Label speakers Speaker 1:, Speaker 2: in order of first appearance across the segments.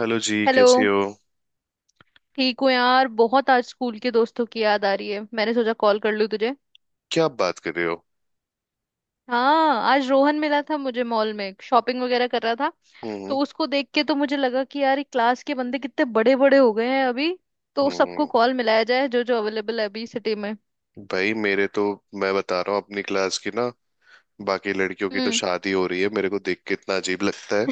Speaker 1: Hello जी,
Speaker 2: hello.
Speaker 1: कैसे हो।
Speaker 2: ठीक हूँ यार, बहुत आज स्कूल के दोस्तों की याद आ रही है। मैंने सोचा कॉल कर लूँ तुझे।
Speaker 1: क्या आप बात कर रहे हो।
Speaker 2: हाँ, आज रोहन मिला था मुझे मॉल में, शॉपिंग वगैरह कर रहा था। तो
Speaker 1: हम्म
Speaker 2: उसको देख के तो मुझे लगा कि यार ये क्लास के बंदे कितने बड़े बड़े हो गए हैं अभी। तो सबको
Speaker 1: हम्म।
Speaker 2: कॉल मिलाया जाए जो जो अवेलेबल है अभी सिटी में।
Speaker 1: भाई मेरे तो, मैं बता रहा हूँ अपनी क्लास की ना, बाकी लड़कियों की तो
Speaker 2: हम्म।
Speaker 1: शादी हो रही है। मेरे को देख के इतना अजीब लगता है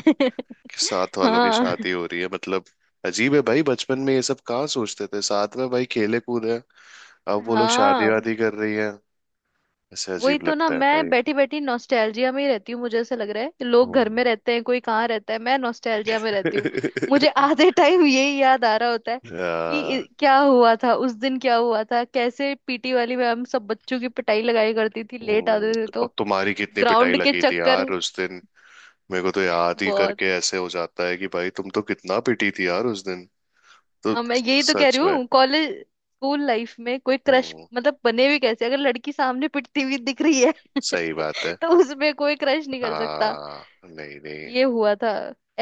Speaker 1: कि साथ वालों की
Speaker 2: हाँ।
Speaker 1: शादी हो रही है, मतलब अजीब है भाई। बचपन में ये सब कहाँ सोचते थे, साथ में भाई खेले कूदे, अब वो लोग शादी
Speaker 2: हाँ,
Speaker 1: वादी कर रही है। ऐसे
Speaker 2: वही
Speaker 1: अजीब
Speaker 2: तो ना,
Speaker 1: लगता है
Speaker 2: मैं
Speaker 1: भाई।
Speaker 2: बैठी बैठी नॉस्टैल्जिया में ही रहती हूँ। मुझे ऐसा लग रहा है कि लोग घर में
Speaker 1: हम्म।
Speaker 2: रहते हैं, कोई कहाँ रहता है, मैं नॉस्टैल्जिया में रहती हूँ। मुझे आधे टाइम यही याद आ रहा होता है कि
Speaker 1: आ,
Speaker 2: क्या हुआ था उस दिन, क्या हुआ था, कैसे पीटी वाली में हम सब बच्चों की पिटाई लगाया करती थी, लेट
Speaker 1: हम्म,
Speaker 2: आते थे
Speaker 1: और
Speaker 2: तो।
Speaker 1: तुम्हारी कितनी पिटाई
Speaker 2: ग्राउंड के
Speaker 1: लगी थी
Speaker 2: चक्कर।
Speaker 1: यार उस दिन। मेरे को तो याद ही
Speaker 2: बहुत।
Speaker 1: करके ऐसे हो जाता है कि भाई तुम तो कितना पिटी थी यार उस दिन। तो
Speaker 2: अब मैं यही तो कह
Speaker 1: सच
Speaker 2: रही
Speaker 1: में।
Speaker 2: हूँ, कॉलेज स्कूल लाइफ में कोई क्रश
Speaker 1: हम्म।
Speaker 2: मतलब बने भी कैसे अगर लड़की सामने पिटती हुई दिख रही है।
Speaker 1: सही बात है।
Speaker 2: तो उसमें कोई क्रश नहीं
Speaker 1: आ
Speaker 2: कर सकता।
Speaker 1: नहीं नहीं।
Speaker 2: ये हुआ था।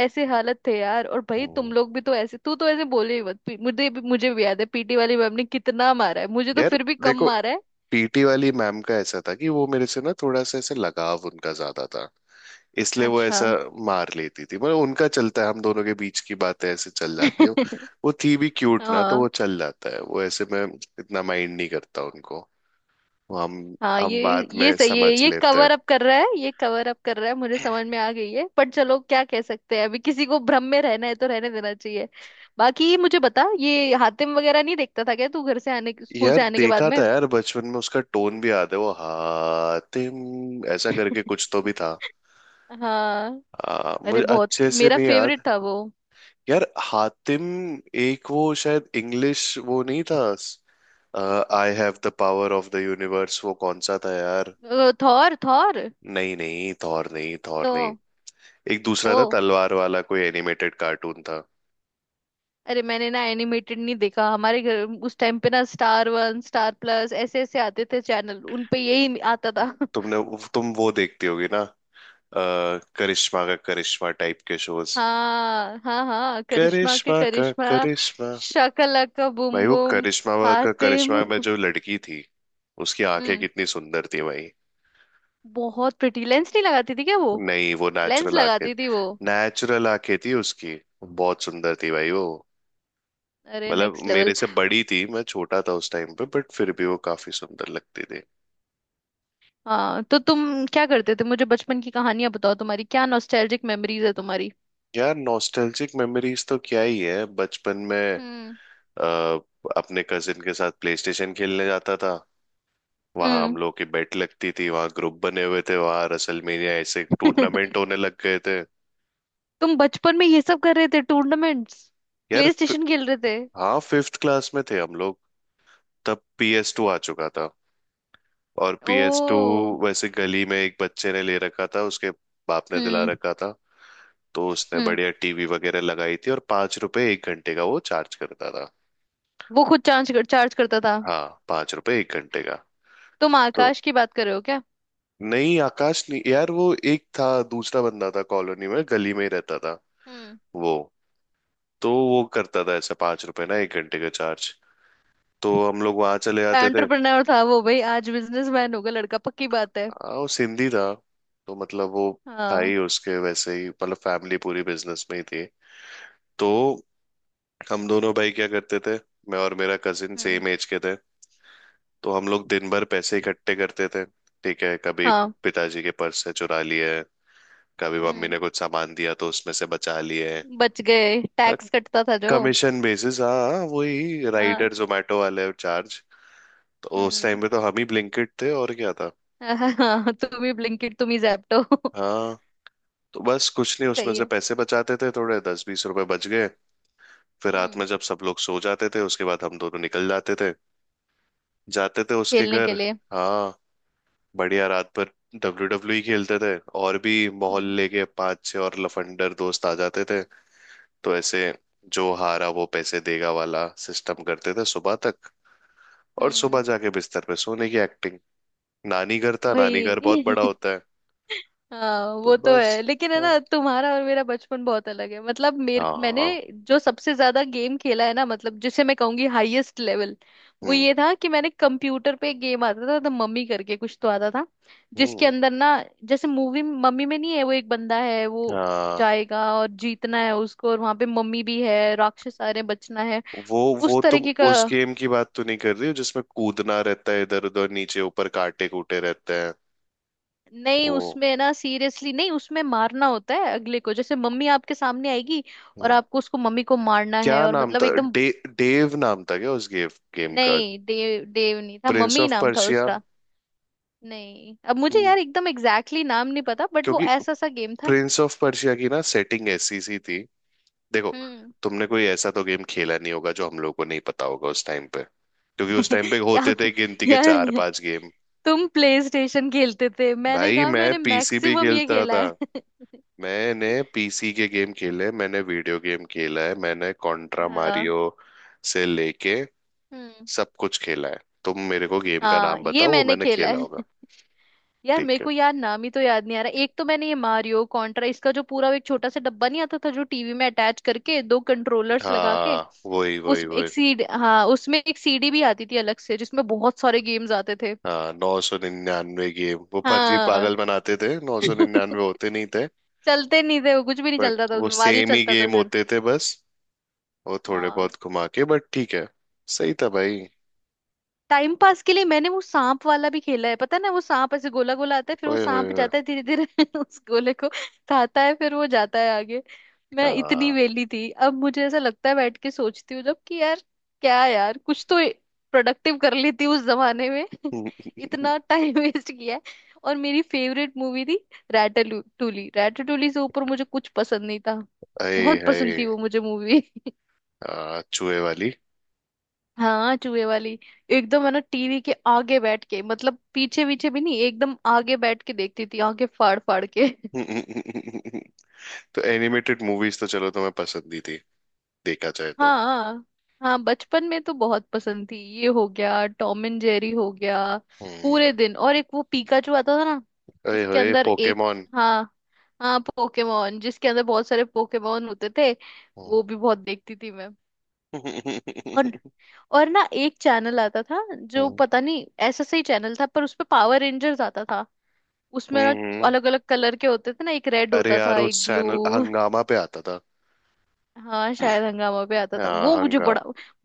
Speaker 2: ऐसे हालत थे यार। और भाई तुम
Speaker 1: हम्म।
Speaker 2: लोग भी तो ऐसे, तू तो ऐसे बोले ही मत। मुझे भी याद है पीटी वाली मैम ने कितना मारा है, मुझे तो
Speaker 1: यार
Speaker 2: फिर भी कम
Speaker 1: देखो,
Speaker 2: मारा है।
Speaker 1: पीटी वाली मैम का ऐसा था कि वो मेरे से ना थोड़ा सा ऐसे लगाव उनका ज्यादा था, इसलिए वो
Speaker 2: अच्छा।
Speaker 1: ऐसा मार लेती थी। मतलब उनका चलता है, हम दोनों के बीच की बातें ऐसे चल जाती है। वो थी भी क्यूट ना तो
Speaker 2: हाँ।
Speaker 1: वो चल जाता है, वो ऐसे में इतना माइंड नहीं करता उनको। वो हम
Speaker 2: हाँ,
Speaker 1: हम
Speaker 2: ये
Speaker 1: बात
Speaker 2: ये
Speaker 1: में
Speaker 2: सही है,
Speaker 1: समझ
Speaker 2: ये
Speaker 1: लेते
Speaker 2: कवर अप कर रहा है, ये कवर अप कर रहा है, मुझे
Speaker 1: हैं।
Speaker 2: समझ में आ गई है। पर चलो क्या कह सकते हैं, अभी किसी को भ्रम में रहना है तो रहने देना चाहिए। बाकी ये मुझे बता, ये हातिम वगैरह नहीं देखता था क्या तू घर से आने, स्कूल
Speaker 1: यार
Speaker 2: से आने के बाद
Speaker 1: देखा
Speaker 2: में?
Speaker 1: था, यार बचपन में उसका टोन भी याद है वो, हातिम ऐसा करके कुछ तो भी था।
Speaker 2: हाँ, अरे
Speaker 1: मुझे
Speaker 2: बहुत
Speaker 1: अच्छे से
Speaker 2: मेरा
Speaker 1: नहीं
Speaker 2: फेवरेट
Speaker 1: याद।
Speaker 2: था वो।
Speaker 1: यार हातिम, एक वो शायद इंग्लिश वो नहीं था। I have the power of the universe, वो कौन सा था यार।
Speaker 2: थॉर। थॉर।
Speaker 1: नहीं नहीं, थॉर नहीं, थॉर नहीं।
Speaker 2: तो
Speaker 1: एक दूसरा था
Speaker 2: तो
Speaker 1: तलवार वाला, कोई एनिमेटेड कार्टून था।
Speaker 2: अरे मैंने ना एनिमेटेड नहीं देखा, हमारे घर उस टाइम पे ना स्टार वन, स्टार प्लस, ऐसे ऐसे आते थे चैनल, उन पे यही आता था।
Speaker 1: तुमने, तुम वो देखती होगी ना। करिश्मा का करिश्मा टाइप के शोज,
Speaker 2: हाँ हाँ हाँ, करिश्मा के
Speaker 1: करिश्मा का
Speaker 2: करिश्मा।
Speaker 1: करिश्मा।
Speaker 2: शकलाका
Speaker 1: भाई
Speaker 2: बुम
Speaker 1: वो
Speaker 2: बुम।
Speaker 1: करिश्मा का
Speaker 2: हातिम।
Speaker 1: करिश्मा में जो लड़की थी, उसकी आंखें
Speaker 2: हम्म।
Speaker 1: कितनी सुंदर थी भाई।
Speaker 2: बहुत प्रिटी, लेंस नहीं लगाती थी क्या वो?
Speaker 1: नहीं, वो
Speaker 2: लेंस
Speaker 1: नेचुरल आंखें।
Speaker 2: लगाती थी वो।
Speaker 1: नेचुरल आंखें थी उसकी, बहुत सुंदर थी भाई वो।
Speaker 2: अरे
Speaker 1: मतलब
Speaker 2: नेक्स्ट लेवल।
Speaker 1: मेरे से बड़ी थी, मैं छोटा था उस टाइम पे, बट फिर भी वो काफी सुंदर लगती थी।
Speaker 2: हाँ, तो तुम क्या करते थे? मुझे बचपन की कहानियां बताओ तुम्हारी, क्या नॉस्टैल्जिक मेमोरीज है तुम्हारी?
Speaker 1: यार नॉस्टैल्जिक मेमोरीज तो क्या ही है बचपन में।
Speaker 2: हम्म।
Speaker 1: आ, अपने कजिन के साथ प्लेस्टेशन खेलने जाता था। वहां हम
Speaker 2: हम्म।
Speaker 1: लोग की बेट लगती थी, वहां ग्रुप बने हुए थे, वहां रसलमेनिया ऐसे टूर्नामेंट होने लग गए थे।
Speaker 2: तुम बचपन में ये सब कर रहे थे, टूर्नामेंट्स,
Speaker 1: यार,
Speaker 2: प्ले स्टेशन खेल रहे थे?
Speaker 1: हाँ 5th क्लास में थे हम लोग। तब PS2 आ चुका था। और PS2
Speaker 2: ओ।
Speaker 1: वैसे गली में एक बच्चे ने ले रखा था, उसके बाप ने दिला
Speaker 2: हम्म।
Speaker 1: रखा था। तो उसने
Speaker 2: हम्म।
Speaker 1: बढ़िया टीवी वगैरह लगाई थी और 5 रुपए एक घंटे का वो चार्ज करता था।
Speaker 2: वो खुद चार्ज करता था?
Speaker 1: हाँ 5 रुपए एक घंटे का।
Speaker 2: तुम
Speaker 1: तो
Speaker 2: आकाश की बात कर रहे हो क्या?
Speaker 1: नहीं, आकाश नहीं यार वो, एक था, दूसरा बंदा था, कॉलोनी में गली में ही रहता था
Speaker 2: हम्म।
Speaker 1: वो। तो वो करता था ऐसे 5 रुपए ना एक घंटे का चार्ज, तो हम लोग वहां चले जाते थे।
Speaker 2: एंटरप्रेन्योर था वो भाई, आज बिजनेसमैन होगा लड़का, पक्की बात है।
Speaker 1: हाँ वो सिंधी था। तो मतलब वो था
Speaker 2: हाँ।
Speaker 1: ही, उसके वैसे ही मतलब फैमिली पूरी बिजनेस में ही थी। तो हम दोनों भाई क्या करते थे, मैं और मेरा कजिन
Speaker 2: हम्म।
Speaker 1: सेम एज के थे, तो हम लोग दिन भर पैसे इकट्ठे करते थे। ठीक है, कभी
Speaker 2: हाँ।
Speaker 1: पिताजी के पर्स से चुरा लिए, कभी मम्मी
Speaker 2: हम्म,
Speaker 1: ने कुछ सामान दिया तो उसमें से बचा लिए।
Speaker 2: बच गए, टैक्स कटता था जो।
Speaker 1: कमीशन बेसिस हाँ हाँ, वही
Speaker 2: हाँ।
Speaker 1: राइडर जोमेटो वाले चार्ज। तो उस
Speaker 2: हम्म।
Speaker 1: टाइम पे तो हम ही ब्लिंकिट थे और क्या था।
Speaker 2: हाँ हाँ, तुम ही ब्लिंकिट, तुम ही जैप्टो।
Speaker 1: हाँ। तो बस कुछ नहीं, उसमें
Speaker 2: सही
Speaker 1: से
Speaker 2: है।
Speaker 1: पैसे बचाते थे, थोड़े 10-20 रुपए बच गए। फिर रात
Speaker 2: हम्म।
Speaker 1: में जब सब लोग सो जाते थे, उसके बाद हम दोनों निकल जाते थे, जाते थे उसके
Speaker 2: खेलने
Speaker 1: घर।
Speaker 2: के लिए?
Speaker 1: हाँ, बढ़िया रात भर डब्ल्यू डब्ल्यू ही खेलते थे। और भी
Speaker 2: हम्म।
Speaker 1: मोहल्ले के पांच छह और लफंडर दोस्त आ जाते थे, तो ऐसे जो हारा वो पैसे देगा वाला सिस्टम करते थे सुबह तक। और सुबह
Speaker 2: हम्म।
Speaker 1: जाके बिस्तर पे सोने की एक्टिंग। नानी घर था, नानी घर बहुत
Speaker 2: भाई।
Speaker 1: बड़ा होता है।
Speaker 2: हाँ
Speaker 1: तो
Speaker 2: वो तो
Speaker 1: बस।
Speaker 2: है, लेकिन है
Speaker 1: हाँ
Speaker 2: ना तुम्हारा और मेरा बचपन बहुत अलग है। मतलब मेरे,
Speaker 1: हाँ
Speaker 2: मैंने
Speaker 1: हाँ,
Speaker 2: जो सबसे ज्यादा गेम खेला है ना, मतलब जिसे मैं कहूंगी हाईएस्ट लेवल, वो
Speaker 1: हम्म।
Speaker 2: ये था कि मैंने कंप्यूटर पे गेम आता था तो मम्मी करके कुछ तो आता था, जिसके
Speaker 1: हम्म।
Speaker 2: अंदर ना, जैसे मूवी मम्मी में नहीं है, वो एक बंदा है, वो
Speaker 1: हाँ।
Speaker 2: जाएगा और जीतना है उसको, और वहां पे मम्मी भी है, राक्षस आ रहे हैं, बचना है।
Speaker 1: वो
Speaker 2: उस
Speaker 1: वो तुम
Speaker 2: तरीके का।
Speaker 1: उस गेम की बात तो नहीं कर रही हो जिसमें कूदना रहता है इधर उधर, नीचे ऊपर कांटे कूटे रहते हैं।
Speaker 2: नहीं,
Speaker 1: वो,
Speaker 2: उसमें ना, सीरियसली नहीं, उसमें मारना होता है अगले को। जैसे मम्मी आपके सामने आएगी और
Speaker 1: हम्म।
Speaker 2: आपको उसको, मम्मी को मारना है,
Speaker 1: क्या
Speaker 2: और
Speaker 1: नाम
Speaker 2: मतलब
Speaker 1: था,
Speaker 2: एकदम।
Speaker 1: डेव नाम था क्या उस गेम, गेम का।
Speaker 2: नहीं, देव देव नहीं था,
Speaker 1: प्रिंस
Speaker 2: मम्मी
Speaker 1: ऑफ
Speaker 2: नाम था
Speaker 1: पर्शिया।
Speaker 2: उसका। नहीं, अब मुझे
Speaker 1: हम्म।
Speaker 2: यार एकदम एग्जैक्टली exactly नाम नहीं पता, बट वो
Speaker 1: क्योंकि
Speaker 2: ऐसा सा गेम था।
Speaker 1: प्रिंस ऑफ पर्शिया की ना सेटिंग ऐसी सी थी। देखो,
Speaker 2: हम्म।
Speaker 1: तुमने कोई ऐसा तो गेम खेला नहीं होगा जो हम लोग को नहीं पता होगा उस टाइम पे, क्योंकि उस टाइम पे
Speaker 2: क्या
Speaker 1: होते थे गिनती के चार
Speaker 2: यार,
Speaker 1: पांच गेम।
Speaker 2: तुम प्ले स्टेशन खेलते थे, मैंने
Speaker 1: भाई
Speaker 2: कहा
Speaker 1: मैं
Speaker 2: मैंने
Speaker 1: पीसी भी
Speaker 2: मैक्सिमम ये
Speaker 1: खेलता
Speaker 2: खेला
Speaker 1: था।
Speaker 2: है।
Speaker 1: मैंने पीसी के गेम खेले, मैंने वीडियो गेम खेला है, मैंने कॉन्ट्रा
Speaker 2: हाँ।
Speaker 1: मारियो से लेके
Speaker 2: हम्म।
Speaker 1: सब कुछ खेला है। तुम मेरे को गेम का
Speaker 2: हाँ
Speaker 1: नाम
Speaker 2: ये
Speaker 1: बताओ, वो
Speaker 2: मैंने
Speaker 1: मैंने
Speaker 2: खेला
Speaker 1: खेला
Speaker 2: है।
Speaker 1: होगा।
Speaker 2: यार मेरे
Speaker 1: ठीक है,
Speaker 2: को यार नाम ही तो याद नहीं आ रहा। एक तो मैंने ये मारियो कॉन्ट्रा, इसका जो पूरा वो एक छोटा सा डब्बा नहीं आता था जो टीवी में अटैच करके दो कंट्रोलर्स लगा के,
Speaker 1: हाँ वही वही
Speaker 2: उस एक
Speaker 1: वही।
Speaker 2: सीड हाँ, उसमें एक सीडी भी आती थी अलग से जिसमें बहुत सारे गेम्स आते थे।
Speaker 1: हाँ, 999 गेम वो फर्जी
Speaker 2: हाँ।
Speaker 1: पागल बनाते थे, नौ सौ निन्यानवे होते नहीं थे।
Speaker 2: चलते नहीं थे वो, कुछ भी नहीं
Speaker 1: बट
Speaker 2: चलता था
Speaker 1: वो
Speaker 2: उसमें, मारियो
Speaker 1: सेम ही
Speaker 2: चलता था
Speaker 1: गेम
Speaker 2: सिर्फ।
Speaker 1: होते थे बस, वो थोड़े
Speaker 2: हाँ।
Speaker 1: बहुत घुमा के, बट ठीक है। सही था भाई।
Speaker 2: टाइम पास के लिए मैंने वो सांप वाला भी खेला है, पता है ना वो सांप ऐसे गोला गोला आता है, फिर वो
Speaker 1: ओए होए
Speaker 2: सांप
Speaker 1: होए।
Speaker 2: जाता है धीरे धीरे उस गोले को खाता है, फिर वो जाता है आगे। मैं इतनी
Speaker 1: हाँ।
Speaker 2: वेली थी, अब मुझे ऐसा लगता है बैठ के सोचती हूँ जब कि यार, क्या यार, कुछ तो प्रोडक्टिव कर लेती उस जमाने में। इतना टाइम वेस्ट किया है। और मेरी फेवरेट मूवी थी रैटाटूली। रैटाटूली से ऊपर मुझे कुछ पसंद नहीं था,
Speaker 1: अरे,
Speaker 2: बहुत पसंद थी वो
Speaker 1: है
Speaker 2: मुझे मूवी।
Speaker 1: चूहे वाली।
Speaker 2: हाँ, चूहे वाली। एकदम है ना टीवी के आगे बैठ के, मतलब पीछे पीछे भी नहीं, एकदम आगे बैठ के देखती थी आगे, फाड़ फाड़ के।
Speaker 1: तो एनिमेटेड मूवीज तो चलो तुम्हें पसंद ही थी, देखा जाए तो।
Speaker 2: हाँ। हाँ, बचपन में तो बहुत पसंद थी, ये हो गया टॉम एंड जेरी हो गया
Speaker 1: हम्म।
Speaker 2: पूरे दिन, और एक वो पीकाचू आता था ना,
Speaker 1: अरे
Speaker 2: जिसके
Speaker 1: होए,
Speaker 2: अंदर एक,
Speaker 1: पोकेमोन।
Speaker 2: हाँ, हाँ पोकेमोन, जिसके अंदर बहुत सारे पोकेमोन होते थे, वो भी बहुत देखती थी मैं। और
Speaker 1: हम्म।
Speaker 2: और ना एक चैनल आता था जो पता नहीं ऐसा सही चैनल था, पर उस पे पावर रेंजर्स आता था। उसमें ना
Speaker 1: हम्म।
Speaker 2: अलग अलग कलर के होते थे ना, एक रेड
Speaker 1: अरे
Speaker 2: होता
Speaker 1: यार,
Speaker 2: था, एक
Speaker 1: उस चैनल
Speaker 2: ब्लू।
Speaker 1: हंगामा पे आता था।
Speaker 2: हाँ शायद हंगामा पे आता था वो,
Speaker 1: हाँ
Speaker 2: मुझे
Speaker 1: हंगा
Speaker 2: बड़ा,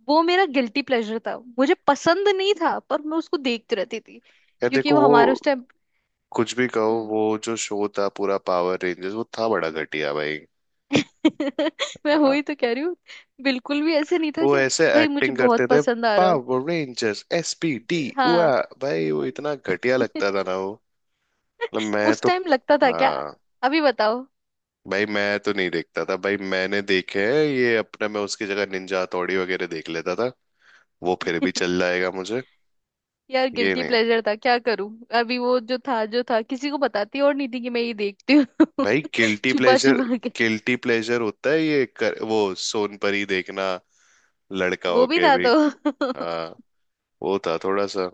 Speaker 2: वो मेरा गिल्टी प्लेजर था, मुझे पसंद नहीं था पर मैं उसको देखती रहती थी
Speaker 1: यार
Speaker 2: क्योंकि
Speaker 1: देखो
Speaker 2: वो
Speaker 1: वो,
Speaker 2: हमारे उस टाइम।
Speaker 1: कुछ भी कहो
Speaker 2: हम्म।
Speaker 1: वो जो शो था पूरा पावर रेंजर्स, वो था बड़ा घटिया भाई,
Speaker 2: मैं
Speaker 1: है ना।
Speaker 2: वही तो कह रही हूँ, बिल्कुल भी ऐसे नहीं था
Speaker 1: वो
Speaker 2: कि
Speaker 1: ऐसे
Speaker 2: भाई मुझे
Speaker 1: एक्टिंग करते
Speaker 2: बहुत
Speaker 1: थे।
Speaker 2: पसंद आ रहा हो।
Speaker 1: पावर रेंजर्स एसपीडी हुआ,
Speaker 2: हाँ।
Speaker 1: भाई वो इतना घटिया लगता था ना वो। मतलब मैं
Speaker 2: उस
Speaker 1: तो,
Speaker 2: टाइम लगता था क्या?
Speaker 1: हाँ
Speaker 2: अभी बताओ।
Speaker 1: भाई मैं तो नहीं देखता था भाई। मैंने देखे हैं ये अपने, मैं उसकी जगह निंजा हथौड़ी वगैरह देख लेता था, वो फिर भी चल जाएगा मुझे।
Speaker 2: यार
Speaker 1: ये
Speaker 2: गिल्टी
Speaker 1: नहीं।
Speaker 2: प्लेजर था, क्या करूं? अभी वो जो था किसी को बताती और नहीं थी कि मैं ये देखती हूँ।
Speaker 1: भाई गिल्टी
Speaker 2: छुपा
Speaker 1: प्लेजर,
Speaker 2: छुपा के।
Speaker 1: गिल्टी प्लेजर होता है वो सोनपरी देखना, लड़का
Speaker 2: वो भी
Speaker 1: होके
Speaker 2: था
Speaker 1: भी।
Speaker 2: तो।
Speaker 1: हाँ, वो था थोड़ा सा।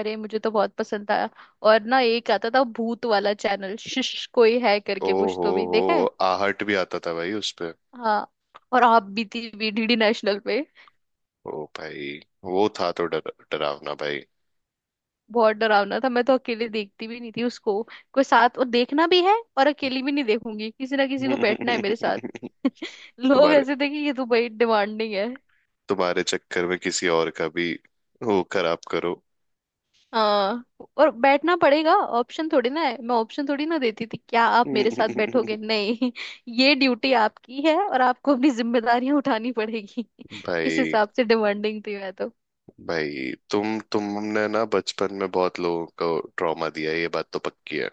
Speaker 2: अरे, मुझे तो बहुत पसंद था। और ना एक आता था भूत वाला चैनल, शिश कोई है
Speaker 1: ओ
Speaker 2: करके कुछ
Speaker 1: हो
Speaker 2: तो भी
Speaker 1: हो
Speaker 2: देखा है।
Speaker 1: आहट भी आता था भाई उस पे।
Speaker 2: हाँ। और आप बीती भी डीडी नेशनल पे।
Speaker 1: ओ भाई, वो था तो डर, डरावना भाई।
Speaker 2: बहुत डरावना था, मैं तो अकेले देखती भी नहीं थी उसको। कोई साथ, और देखना भी है और अकेली भी नहीं देखूंगी, किसी ना किसी को बैठना है मेरे साथ। लोग
Speaker 1: तुम्हारे
Speaker 2: ऐसे थे कि ये तो भाई डिमांडिंग है।
Speaker 1: तुम्हारे चक्कर में किसी और का भी वो खराब करो।
Speaker 2: हाँ, और बैठना पड़ेगा, ऑप्शन थोड़ी ना है, मैं ऑप्शन थोड़ी ना देती थी क्या आप मेरे साथ बैठोगे नहीं? ये ड्यूटी आपकी है और आपको अपनी जिम्मेदारियां उठानी पड़ेगी। इस
Speaker 1: भाई,
Speaker 2: हिसाब से डिमांडिंग थी मैं तो।
Speaker 1: तुमने ना बचपन में बहुत लोगों को ट्रॉमा दिया है, ये बात तो पक्की है।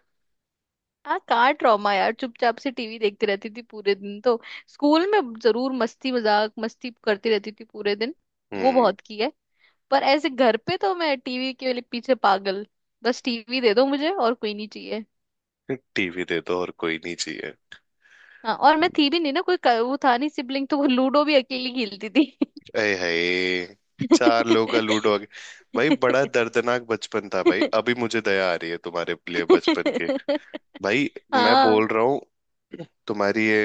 Speaker 2: हाँ, कहाँ ट्रॉमा यार, चुपचाप से टीवी देखती रहती थी पूरे दिन तो। स्कूल में जरूर मस्ती मजाक मस्ती करती रहती थी पूरे दिन, वो
Speaker 1: हम्म।
Speaker 2: बहुत की है। पर ऐसे घर पे तो मैं टीवी के लिए पीछे पागल, बस टीवी दे दो मुझे और कोई नहीं चाहिए।
Speaker 1: टीवी दे दो और कोई नहीं चाहिए।
Speaker 2: हाँ, और मैं थी भी नहीं ना कोई, वो था नहीं सिबलिंग तो वो लूडो भी अकेली खेलती थी।
Speaker 1: अय हाय, चार लोगों का लूडो आ गया। भाई बड़ा दर्दनाक बचपन था भाई, अभी मुझे दया आ रही है तुम्हारे लिए बचपन के। भाई मैं
Speaker 2: हाँ।
Speaker 1: बोल रहा हूँ, तुम्हारी ये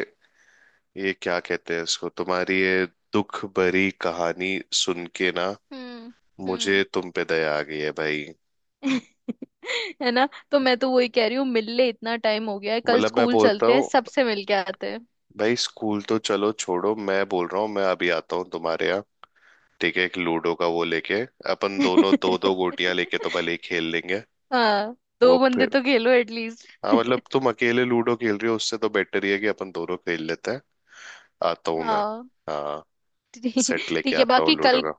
Speaker 1: ये क्या कहते हैं इसको, तुम्हारी ये दुख भरी कहानी सुन के ना,
Speaker 2: हम्म।
Speaker 1: मुझे
Speaker 2: हम्म।
Speaker 1: तुम पे दया आ गई है भाई।
Speaker 2: है ना तो मैं तो वही कह रही हूँ, मिल ले, इतना टाइम हो गया है, कल
Speaker 1: मतलब मैं
Speaker 2: स्कूल
Speaker 1: बोलता
Speaker 2: चलते हैं,
Speaker 1: हूँ,
Speaker 2: सबसे मिल के आते हैं।
Speaker 1: भाई स्कूल तो चलो छोड़ो, मैं बोल रहा हूँ मैं अभी आता हूँ तुम्हारे यहाँ, ठीक है। एक लूडो का वो लेके अपन दोनों दो दो गोटियां लेके तो भले ही खेल लेंगे।
Speaker 2: हाँ,
Speaker 1: वो
Speaker 2: दो बंदे
Speaker 1: फिर,
Speaker 2: तो खेलो एटलीस्ट।
Speaker 1: हाँ मतलब तुम अकेले लूडो खेल रहे हो, उससे तो बेटर ही है कि अपन दोनों खेल लेते हैं। आता हूँ मैं।
Speaker 2: हाँ,
Speaker 1: हाँ,
Speaker 2: ठीक
Speaker 1: सेट लेके
Speaker 2: ठीक है
Speaker 1: आता हूँ
Speaker 2: बाकी
Speaker 1: लूडो
Speaker 2: कल,
Speaker 1: का।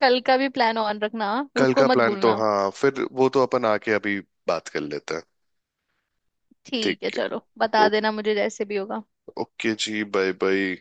Speaker 2: कल का भी प्लान ऑन रखना, हाँ?
Speaker 1: कल
Speaker 2: उसको
Speaker 1: का
Speaker 2: मत
Speaker 1: प्लान तो
Speaker 2: भूलना।
Speaker 1: हाँ फिर वो तो अपन आके अभी बात कर लेते हैं। ठीक
Speaker 2: ठीक है,
Speaker 1: है।
Speaker 2: चलो बता
Speaker 1: ओ-
Speaker 2: देना मुझे जैसे भी होगा।
Speaker 1: ओके जी, बाय बाय।